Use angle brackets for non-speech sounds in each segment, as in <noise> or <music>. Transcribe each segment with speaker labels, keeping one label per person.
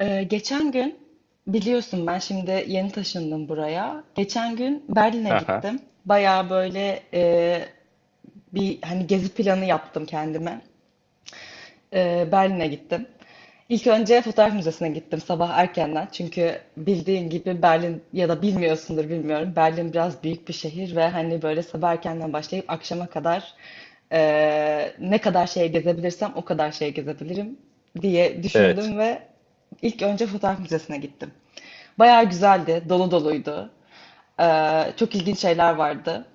Speaker 1: Geçen gün biliyorsun ben şimdi yeni taşındım buraya. Geçen gün Berlin'e
Speaker 2: Aha,
Speaker 1: gittim. Bayağı böyle bir hani gezi planı yaptım kendime. Berlin'e gittim. İlk önce fotoğraf müzesine gittim sabah erkenden. Çünkü bildiğin gibi Berlin ya da bilmiyorsundur bilmiyorum. Berlin biraz büyük bir şehir ve hani böyle sabah erkenden başlayıp akşama kadar e, ne kadar şey gezebilirsem o kadar şey gezebilirim diye
Speaker 2: evet.
Speaker 1: düşündüm ve ilk önce fotoğraf müzesine gittim. Bayağı güzeldi, dolu doluydu. Çok ilginç şeyler vardı.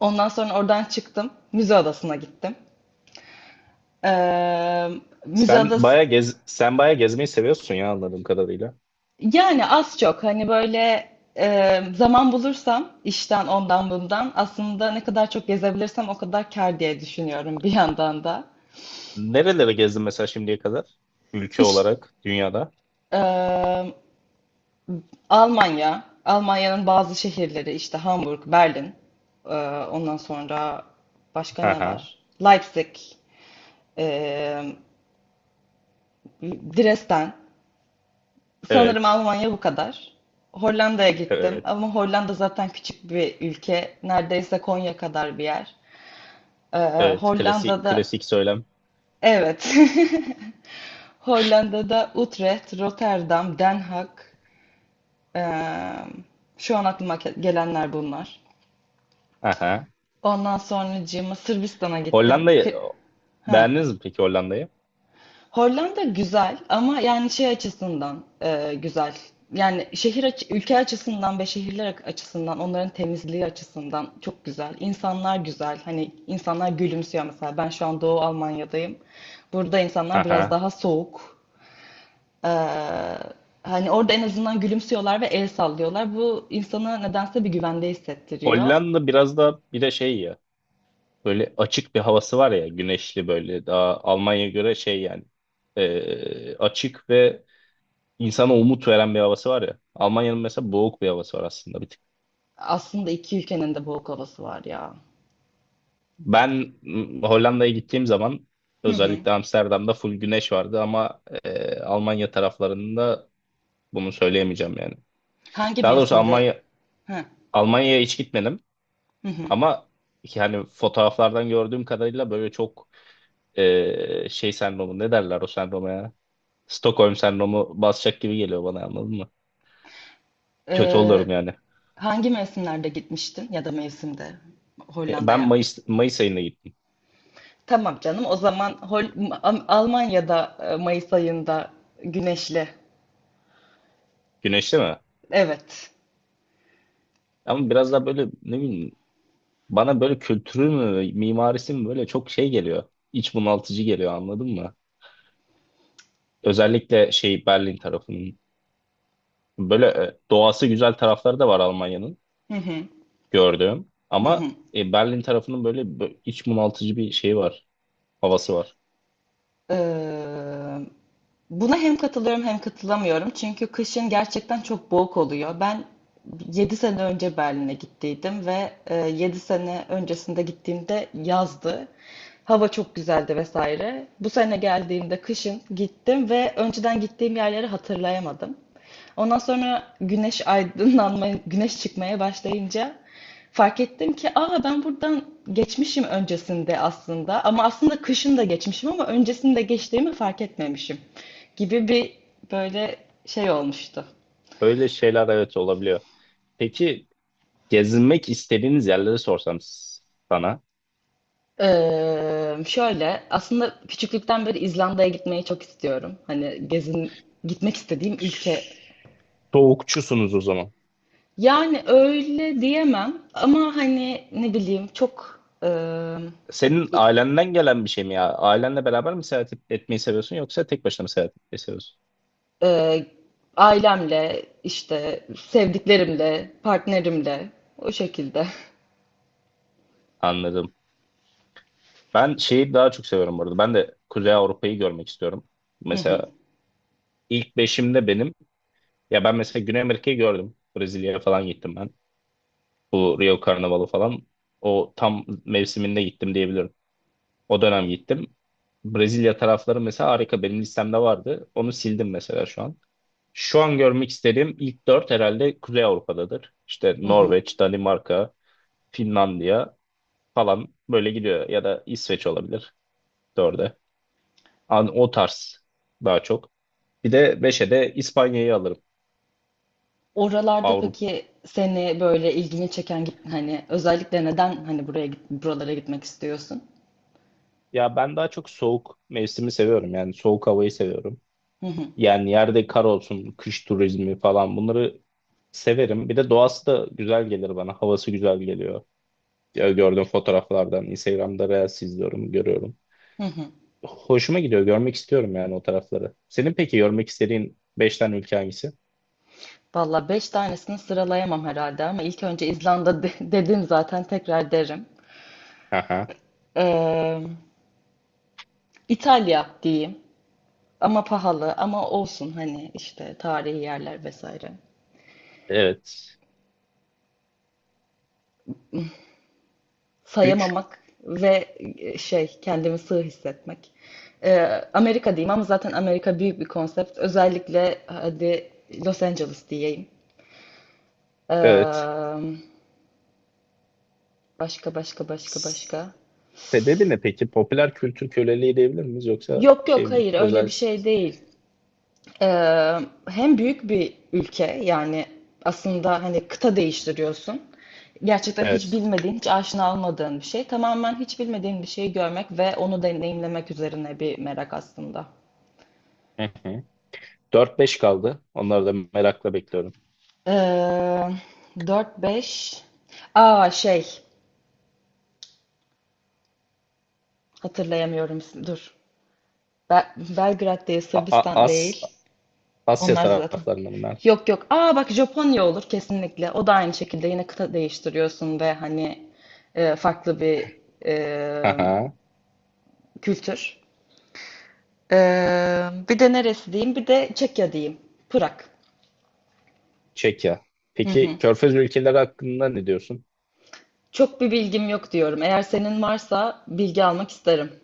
Speaker 1: Ondan sonra oradan çıktım, müze adasına gittim. Ee, Müze
Speaker 2: Sen
Speaker 1: adası.
Speaker 2: bayağı gez sen bayağı gezmeyi seviyorsun ya anladığım kadarıyla.
Speaker 1: Yani az çok hani böyle zaman bulursam işten ondan bundan aslında ne kadar çok gezebilirsem o kadar kâr diye düşünüyorum bir yandan da.
Speaker 2: Nerelere gezdin mesela şimdiye kadar? Ülke
Speaker 1: İş
Speaker 2: olarak dünyada.
Speaker 1: e, Almanya, Almanya'nın bazı şehirleri işte Hamburg, Berlin, e, ondan sonra başka ne
Speaker 2: Aha,
Speaker 1: var? Leipzig, e, Dresden. Sanırım
Speaker 2: evet.
Speaker 1: Almanya bu kadar. Hollanda'ya gittim
Speaker 2: Evet.
Speaker 1: ama Hollanda zaten küçük bir ülke. Neredeyse Konya kadar bir yer. Ee,
Speaker 2: Evet. Klasik
Speaker 1: Hollanda'da
Speaker 2: klasik söylem.
Speaker 1: evet. <laughs> Hollanda'da Utrecht, Rotterdam, Den Haag. ee, Şu an aklıma gelenler bunlar.
Speaker 2: Aha.
Speaker 1: Ondan sonracığıma Sırbistan'a gittim.
Speaker 2: Hollanda'yı
Speaker 1: Ha.
Speaker 2: beğendiniz mi peki Hollanda'yı?
Speaker 1: Hollanda güzel ama yani şey açısından güzel. Yani şehir ülke açısından ve şehirler açısından onların temizliği açısından çok güzel. İnsanlar güzel. Hani insanlar gülümsüyor mesela. Ben şu an Doğu Almanya'dayım. Burada insanlar biraz
Speaker 2: Aha.
Speaker 1: daha soğuk. Ee, Hani orada en azından gülümsüyorlar ve el sallıyorlar. Bu insana nedense bir güvende hissettiriyor.
Speaker 2: Hollanda biraz da bir de şey ya. Böyle açık bir havası var ya, güneşli böyle. Daha Almanya'ya göre şey yani. Açık ve insana umut veren bir havası var ya. Almanya'nın mesela boğuk bir havası var aslında. Bir
Speaker 1: Aslında iki ülkenin de boğuk havası var ya.
Speaker 2: Ben m, Hollanda'ya gittiğim zaman
Speaker 1: Hı hı.
Speaker 2: özellikle Amsterdam'da full güneş vardı ama Almanya taraflarında bunu söyleyemeyeceğim yani.
Speaker 1: Hangi
Speaker 2: Daha doğrusu
Speaker 1: mevsimde?
Speaker 2: Almanya
Speaker 1: Hı
Speaker 2: Almanya'ya hiç gitmedim
Speaker 1: hı. Hı.
Speaker 2: ama yani fotoğraflardan gördüğüm kadarıyla böyle çok şey sendromu ne derler o sendroma ya? Stockholm sendromu basacak gibi geliyor bana anladın mı? Kötü
Speaker 1: Ee,
Speaker 2: oluyorum yani.
Speaker 1: Hangi mevsimlerde gitmiştin ya da mevsimde
Speaker 2: Ben
Speaker 1: Hollanda'ya?
Speaker 2: Mayıs ayında gittim.
Speaker 1: Tamam canım. O zaman Almanya'da Mayıs ayında güneşli.
Speaker 2: Güneşli mi?
Speaker 1: Evet.
Speaker 2: Ama biraz daha böyle ne bileyim. Bana böyle kültürü mü, mimarisi mi böyle çok şey geliyor. İç bunaltıcı geliyor anladın mı? Özellikle şey Berlin tarafının. Böyle doğası güzel tarafları da var Almanya'nın
Speaker 1: Hı hı.
Speaker 2: gördüğüm.
Speaker 1: Hı hı.
Speaker 2: Ama Berlin tarafının böyle iç bunaltıcı bir şeyi var. Havası var.
Speaker 1: Ee, Buna hem katılıyorum hem katılamıyorum. Çünkü kışın gerçekten çok boğuk oluyor. Ben 7 sene önce Berlin'e gittiydim ve 7 sene öncesinde gittiğimde yazdı. Hava çok güzeldi vesaire. Bu sene geldiğimde kışın gittim ve önceden gittiğim yerleri hatırlayamadım. Ondan sonra güneş aydınlanmaya, güneş çıkmaya başlayınca fark ettim ki aa ben buradan geçmişim öncesinde aslında ama aslında kışın da geçmişim ama öncesinde geçtiğimi fark etmemişim gibi bir böyle şey olmuştu.
Speaker 2: Öyle şeyler evet olabiliyor. Peki gezinmek istediğiniz yerleri sorsam sana.
Speaker 1: Şöyle aslında küçüklükten beri İzlanda'ya gitmeyi çok istiyorum. Hani gezin gitmek istediğim ülke.
Speaker 2: Soğukçusunuz o zaman.
Speaker 1: Yani öyle diyemem ama hani ne bileyim çok
Speaker 2: Senin ailenden gelen bir şey mi ya? Ailenle beraber mi seyahat etmeyi seviyorsun yoksa tek başına mı seyahat etmeyi seviyorsun?
Speaker 1: Ee, ailemle, işte sevdiklerimle, partnerimle o şekilde.
Speaker 2: Anladım. Ben şeyi daha çok seviyorum bu arada. Ben de Kuzey Avrupa'yı görmek istiyorum.
Speaker 1: Hı hı,
Speaker 2: Mesela ilk beşimde benim. Ya ben mesela Güney Amerika'yı gördüm. Brezilya'ya falan gittim ben. Bu Rio Karnavalı falan. O tam mevsiminde gittim diyebilirim. O dönem gittim. Brezilya tarafları mesela harika. Benim listemde vardı. Onu sildim mesela şu an. Şu an görmek istediğim ilk dört herhalde Kuzey Avrupa'dadır. İşte
Speaker 1: hı hı.
Speaker 2: Norveç, Danimarka, Finlandiya falan böyle gidiyor. Ya da İsveç olabilir dörde. An, o tarz daha çok. Bir de 5'e de İspanya'yı alırım.
Speaker 1: Oralarda
Speaker 2: Avrupa.
Speaker 1: peki seni böyle ilgini çeken hani özellikle neden hani buraya buralara gitmek istiyorsun?
Speaker 2: Ya ben daha çok soğuk mevsimi seviyorum. Yani soğuk havayı seviyorum.
Speaker 1: Hı hı,
Speaker 2: Yani yerde kar olsun, kış turizmi falan bunları severim. Bir de doğası da güzel gelir bana. Havası güzel geliyor. Ya gördüğüm fotoğraflardan, Instagram'da Reels izliyorum, görüyorum.
Speaker 1: hı hı.
Speaker 2: Hoşuma gidiyor. Görmek istiyorum yani o tarafları. Senin peki görmek istediğin 5 tane ülke hangisi?
Speaker 1: Valla beş tanesini sıralayamam herhalde ama ilk önce İzlanda <laughs> dedim zaten tekrar derim.
Speaker 2: Aha.
Speaker 1: Ee, İtalya diyeyim ama pahalı ama olsun hani işte tarihi yerler vesaire.
Speaker 2: Evet. Üç.
Speaker 1: Sayamamak ve şey kendimi sığ hissetmek. Ee, Amerika diyeyim ama zaten Amerika büyük bir konsept. Özellikle hadi Los Angeles diyeyim. Ee,
Speaker 2: Evet.
Speaker 1: Başka başka başka başka.
Speaker 2: Sebebi ne peki? Popüler kültür köleliği diyebilir miyiz yoksa
Speaker 1: Yok
Speaker 2: şey
Speaker 1: yok
Speaker 2: mi?
Speaker 1: hayır öyle
Speaker 2: Özel
Speaker 1: bir şey
Speaker 2: spesifik.
Speaker 1: değil. Ee, Hem büyük bir ülke yani aslında hani kıta değiştiriyorsun. Gerçekten hiç
Speaker 2: Evet.
Speaker 1: bilmediğin, hiç aşina olmadığın bir şey. Tamamen hiç bilmediğin bir şeyi görmek ve onu deneyimlemek üzerine bir merak aslında.
Speaker 2: Hı hı. 4-5 kaldı. Onları da merakla bekliyorum.
Speaker 1: Ee, 4-5. Aa şey hatırlayamıyorum. Dur. Be- Belgrad değil,
Speaker 2: A- A-
Speaker 1: Sırbistan
Speaker 2: As
Speaker 1: değil.
Speaker 2: Asya
Speaker 1: Onlar zaten.
Speaker 2: taraflarında bunlar.
Speaker 1: Yok yok. Aa bak Japonya olur kesinlikle. O da aynı şekilde yine kıta değiştiriyorsun ve hani farklı bir e,
Speaker 2: Aha,
Speaker 1: kültür. Bir de neresi diyeyim? Bir de Çekya diyeyim. Prag.
Speaker 2: Çekya.
Speaker 1: Hı
Speaker 2: Peki
Speaker 1: hı.
Speaker 2: Körfez ülkeleri hakkında ne diyorsun?
Speaker 1: Çok bir bilgim yok diyorum. Eğer senin varsa bilgi almak isterim.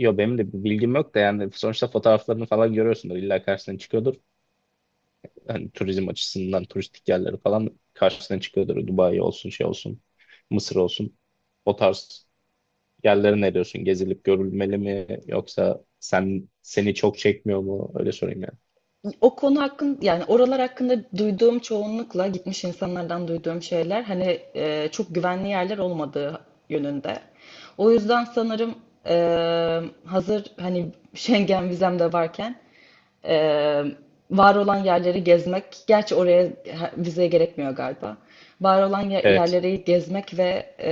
Speaker 2: Yo benim de bir bilgim yok da yani sonuçta fotoğraflarını falan görüyorsundur. İlla karşısına çıkıyordur. Hani turizm açısından turistik yerleri falan karşısına çıkıyordur. Dubai olsun şey olsun. Mısır olsun. O tarz yerlere ne diyorsun? Gezilip görülmeli mi yoksa sen seni çok çekmiyor mu? Öyle sorayım yani.
Speaker 1: O konu hakkında yani oralar hakkında duyduğum çoğunlukla gitmiş insanlardan duyduğum şeyler hani çok güvenli yerler olmadığı yönünde. O yüzden sanırım e, hazır hani Schengen vizem de varken e, var olan yerleri gezmek, gerçi oraya vize gerekmiyor galiba. Var olan
Speaker 2: Evet.
Speaker 1: yerleri gezmek ve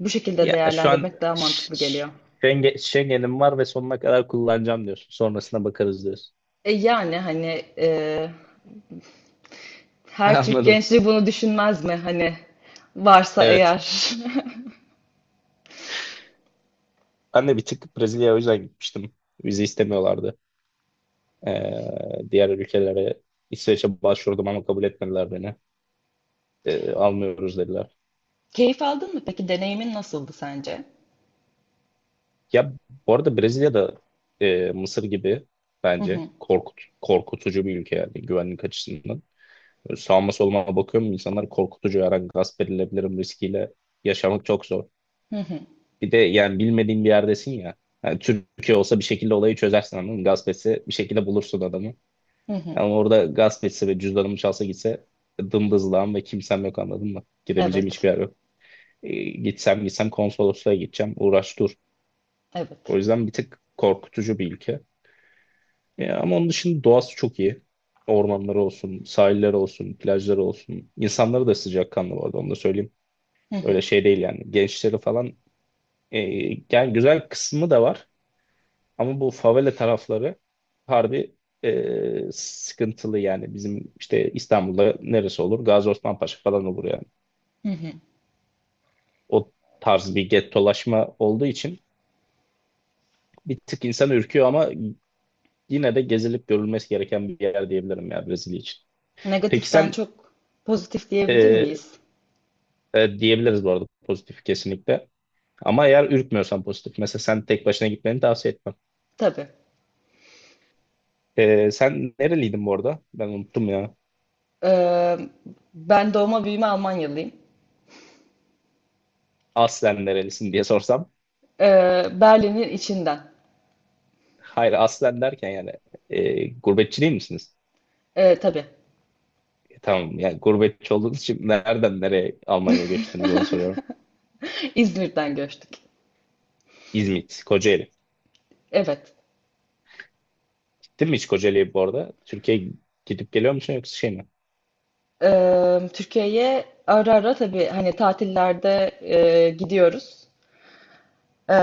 Speaker 1: bu şekilde
Speaker 2: Ya şu an
Speaker 1: değerlendirmek daha mantıklı geliyor.
Speaker 2: Schengen'im var ve sonuna kadar kullanacağım diyorsun. Sonrasına bakarız diyorsun.
Speaker 1: Yani hani
Speaker 2: <laughs>
Speaker 1: her Türk
Speaker 2: Anladım.
Speaker 1: gençliği bunu düşünmez mi? Hani varsa
Speaker 2: Evet.
Speaker 1: eğer.
Speaker 2: Ben de bir tık Brezilya'ya o yüzden gitmiştim. Vize istemiyorlardı. Ee, Diğer ülkelere İsveç'e başvurdum ama kabul etmediler beni. Almıyoruz dediler.
Speaker 1: <laughs> Keyif aldın mı peki? Deneyimin nasıldı sence?
Speaker 2: Ya bu arada Brezilya'da Mısır gibi
Speaker 1: Hı
Speaker 2: bence
Speaker 1: hı.
Speaker 2: korkutucu bir ülke yani güvenlik açısından. Böyle sağıma soluma bakıyorum insanlar korkutucu her an gasp edilebilirim riskiyle yaşamak çok zor.
Speaker 1: Hı hı.
Speaker 2: Bir de yani bilmediğin bir yerdesin ya. Yani Türkiye olsa bir şekilde olayı çözersin anladın mı? Gasp etse bir şekilde bulursun adamı.
Speaker 1: Hı hı.
Speaker 2: Yani orada gasp etse ve cüzdanımı çalsa gitse dımdızlağım ve kimsem yok anladın mı? Gidebileceğim
Speaker 1: Evet.
Speaker 2: hiçbir yer yok. Gitsem gitsem konsolosluğa gideceğim uğraş dur. O
Speaker 1: Evet.
Speaker 2: yüzden bir tık korkutucu bir ülke. Ya ama onun dışında doğası çok iyi. Ormanları olsun, sahilleri olsun, plajları olsun. İnsanları da sıcakkanlı bu arada onu da söyleyeyim.
Speaker 1: Hı hı.
Speaker 2: Öyle şey değil yani. Gençleri falan e, yani güzel kısmı da var. Ama bu favela tarafları harbi sıkıntılı yani. Bizim işte İstanbul'da neresi olur? Gazi Osman Paşa falan olur yani.
Speaker 1: Hı hı.
Speaker 2: O tarz bir gettolaşma olduğu için bir tık insan ürküyor ama yine de gezilip görülmesi gereken bir yer diyebilirim ya Brezilya için. Peki
Speaker 1: Negatiften
Speaker 2: sen...
Speaker 1: çok pozitif diyebilir
Speaker 2: e,
Speaker 1: miyiz?
Speaker 2: diyebiliriz bu arada pozitif kesinlikle. Ama eğer ürkmüyorsan pozitif. Mesela sen tek başına gitmeni tavsiye etmem.
Speaker 1: Tabii.
Speaker 2: Sen nereliydin bu arada? Ben unuttum ya.
Speaker 1: Ee, Ben doğma büyüme Almanyalıyım.
Speaker 2: Aslen nerelisin diye sorsam.
Speaker 1: Berlin'in içinden.
Speaker 2: Hayır aslen derken yani gurbetçi değil misiniz?
Speaker 1: Tabii.
Speaker 2: Tamam yani gurbetçi olduğunuz için nereden nereye Almanya'ya
Speaker 1: <laughs>
Speaker 2: göçtünüz onu soruyorum.
Speaker 1: İzmir'den göçtük.
Speaker 2: İzmit, Kocaeli.
Speaker 1: Evet.
Speaker 2: Gittin mi hiç Kocaeli'ye bu arada? Türkiye'ye gidip geliyor musun yoksa şey mi?
Speaker 1: Türkiye'ye ara ara tabii hani tatillerde gidiyoruz. Ee,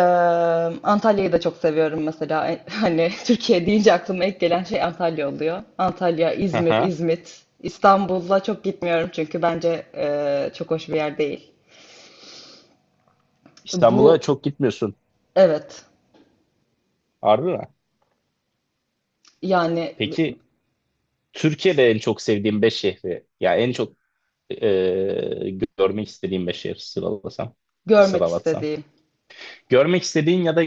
Speaker 1: Antalya'yı da çok seviyorum mesela. Hani <laughs> Türkiye deyince aklıma ilk gelen şey Antalya oluyor. Antalya, İzmir,
Speaker 2: Aha.
Speaker 1: İzmit. İstanbul'a çok gitmiyorum çünkü bence çok hoş bir yer değil.
Speaker 2: İstanbul'a
Speaker 1: Bu
Speaker 2: çok gitmiyorsun.
Speaker 1: evet
Speaker 2: Harbi mi?
Speaker 1: yani
Speaker 2: Peki Türkiye'de en çok sevdiğin 5 şehri. Ya en çok e, görmek istediğim beş yer sıralasam,
Speaker 1: görmek
Speaker 2: sıralatsam.
Speaker 1: istediğim.
Speaker 2: Görmek istediğin ya da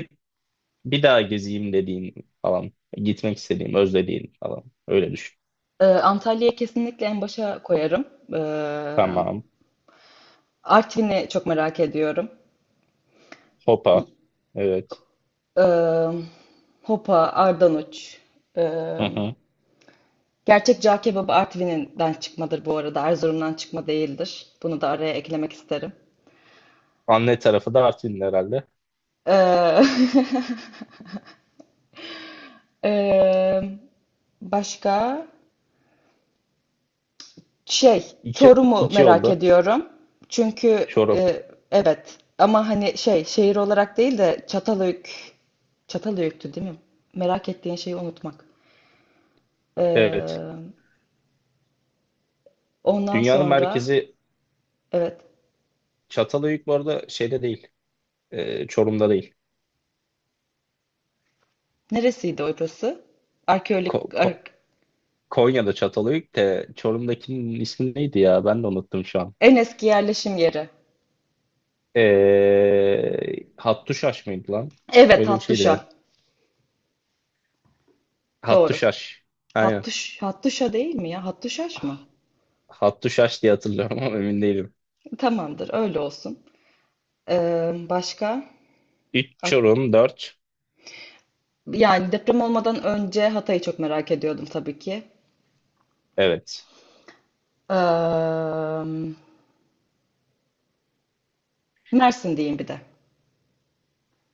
Speaker 2: bir daha gezeyim dediğin falan. Gitmek istediğim, özlediğin falan. Öyle düşün.
Speaker 1: Antalya'yı kesinlikle en başa koyarım. Ee,
Speaker 2: Tamam.
Speaker 1: Artvin'i çok merak ediyorum.
Speaker 2: Hopa. Evet.
Speaker 1: Ee, Hopa, Ardanuç.
Speaker 2: Hı
Speaker 1: Ee,
Speaker 2: hı.
Speaker 1: Gerçek cağ kebabı Artvin'den çıkmadır bu arada. Erzurum'dan çıkma değildir. Bunu da araya eklemek isterim.
Speaker 2: Anne tarafı da Artvin herhalde.
Speaker 1: Ee, <laughs> ee, başka şey
Speaker 2: İki,
Speaker 1: Çorum'u
Speaker 2: iki
Speaker 1: merak
Speaker 2: oldu.
Speaker 1: ediyorum. Çünkü
Speaker 2: Çorum.
Speaker 1: e, evet ama hani şey şehir olarak değil de Çatalhöyük Çatalhöyük'tü değil mi? Merak ettiğin şeyi unutmak.
Speaker 2: Evet.
Speaker 1: Ee, Ondan
Speaker 2: Dünyanın
Speaker 1: sonra
Speaker 2: merkezi
Speaker 1: evet
Speaker 2: Çatalhöyük bu arada şeyde değil. Çorum'da değil.
Speaker 1: neresiydi orası?
Speaker 2: Ko-
Speaker 1: Arkeolojik
Speaker 2: Ko- Konya'da Çatalhöyük de Çorum'dakinin ismi neydi ya? Ben de unuttum şu an.
Speaker 1: en eski yerleşim yeri.
Speaker 2: Hattuşaş mıydı lan?
Speaker 1: Evet
Speaker 2: Öyle bir şeydi.
Speaker 1: Hattuşa. Doğru.
Speaker 2: Hattuşaş. Aynen.
Speaker 1: Hattuş, Hattuşa değil mi ya? Hattuşaş mı?
Speaker 2: Ah, Hattuşaş diye hatırlıyorum ama emin değilim.
Speaker 1: Tamamdır öyle olsun. Başka?
Speaker 2: Üç
Speaker 1: Ak-
Speaker 2: Çorum dört.
Speaker 1: Yani deprem olmadan önce Hatay'ı çok merak ediyordum tabii ki.
Speaker 2: Evet.
Speaker 1: Ee, Mersin diyeyim bir de.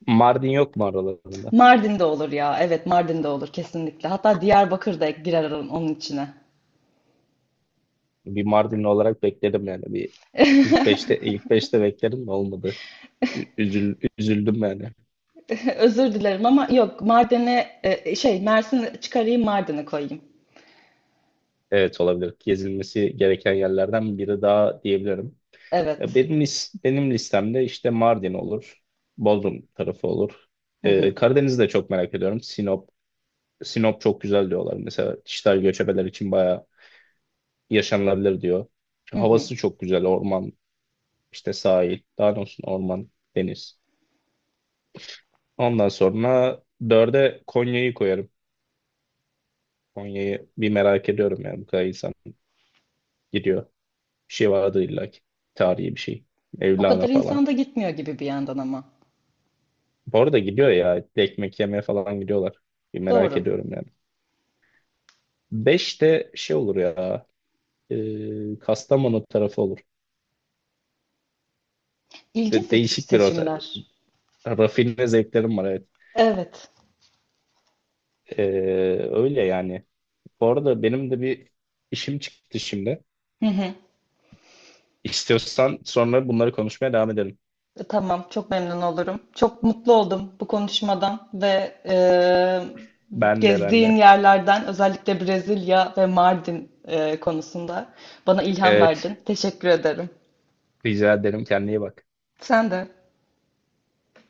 Speaker 2: Mardin yok mu aralarında?
Speaker 1: Mardin'de olur ya. Evet Mardin'de olur kesinlikle. Hatta Diyarbakır da girer onun içine.
Speaker 2: Bir Mardinli olarak bekledim yani. Bir ilk 5'te
Speaker 1: <laughs>
Speaker 2: ilk beşte beklerim de olmadı. Üzüldüm yani.
Speaker 1: Özür dilerim ama yok Mardin'e şey Mersin'i çıkarayım Mardin'i koyayım.
Speaker 2: Evet olabilir. Gezilmesi gereken yerlerden biri daha diyebilirim. E,
Speaker 1: Evet.
Speaker 2: Benim, lis- benim listemde işte Mardin olur. Bodrum tarafı olur.
Speaker 1: Hı hı.
Speaker 2: Karadeniz'i de çok merak ediyorum. Sinop. Sinop çok güzel diyorlar. Mesela dijital göçebeler için bayağı yaşanılabilir diyor.
Speaker 1: Hı
Speaker 2: Çünkü
Speaker 1: hı.
Speaker 2: havası çok güzel. Orman, işte sahil. Daha doğrusu orman, deniz. Ondan sonra dörde Konya'yı koyarım. Konya'yı bir merak ediyorum yani bu kadar insan gidiyor. Bir şey vardı illa ki. Tarihi bir şey.
Speaker 1: O
Speaker 2: Mevlana
Speaker 1: kadar
Speaker 2: falan.
Speaker 1: insan da gitmiyor gibi bir yandan ama.
Speaker 2: Bu arada gidiyor ya. Ekmek yemeye falan gidiyorlar. Bir merak
Speaker 1: Doğru.
Speaker 2: ediyorum yani. Beşte şey olur ya. Kastamonu tarafı olur.
Speaker 1: İlginç
Speaker 2: De- değişik bir otel.
Speaker 1: seçimler.
Speaker 2: Rafine zevklerim var evet.
Speaker 1: Evet.
Speaker 2: E, öyle yani. Bu arada benim de bir işim çıktı şimdi.
Speaker 1: Hı hı.
Speaker 2: İstiyorsan sonra bunları konuşmaya devam edelim.
Speaker 1: Tamam, çok memnun olurum. Çok mutlu oldum bu konuşmadan ve e,
Speaker 2: Ben de, ben
Speaker 1: gezdiğin
Speaker 2: de.
Speaker 1: yerlerden özellikle Brezilya ve Mardin konusunda bana ilham
Speaker 2: Evet.
Speaker 1: verdin. Teşekkür ederim.
Speaker 2: Rica ederim. Kendine iyi bak.
Speaker 1: Sen de.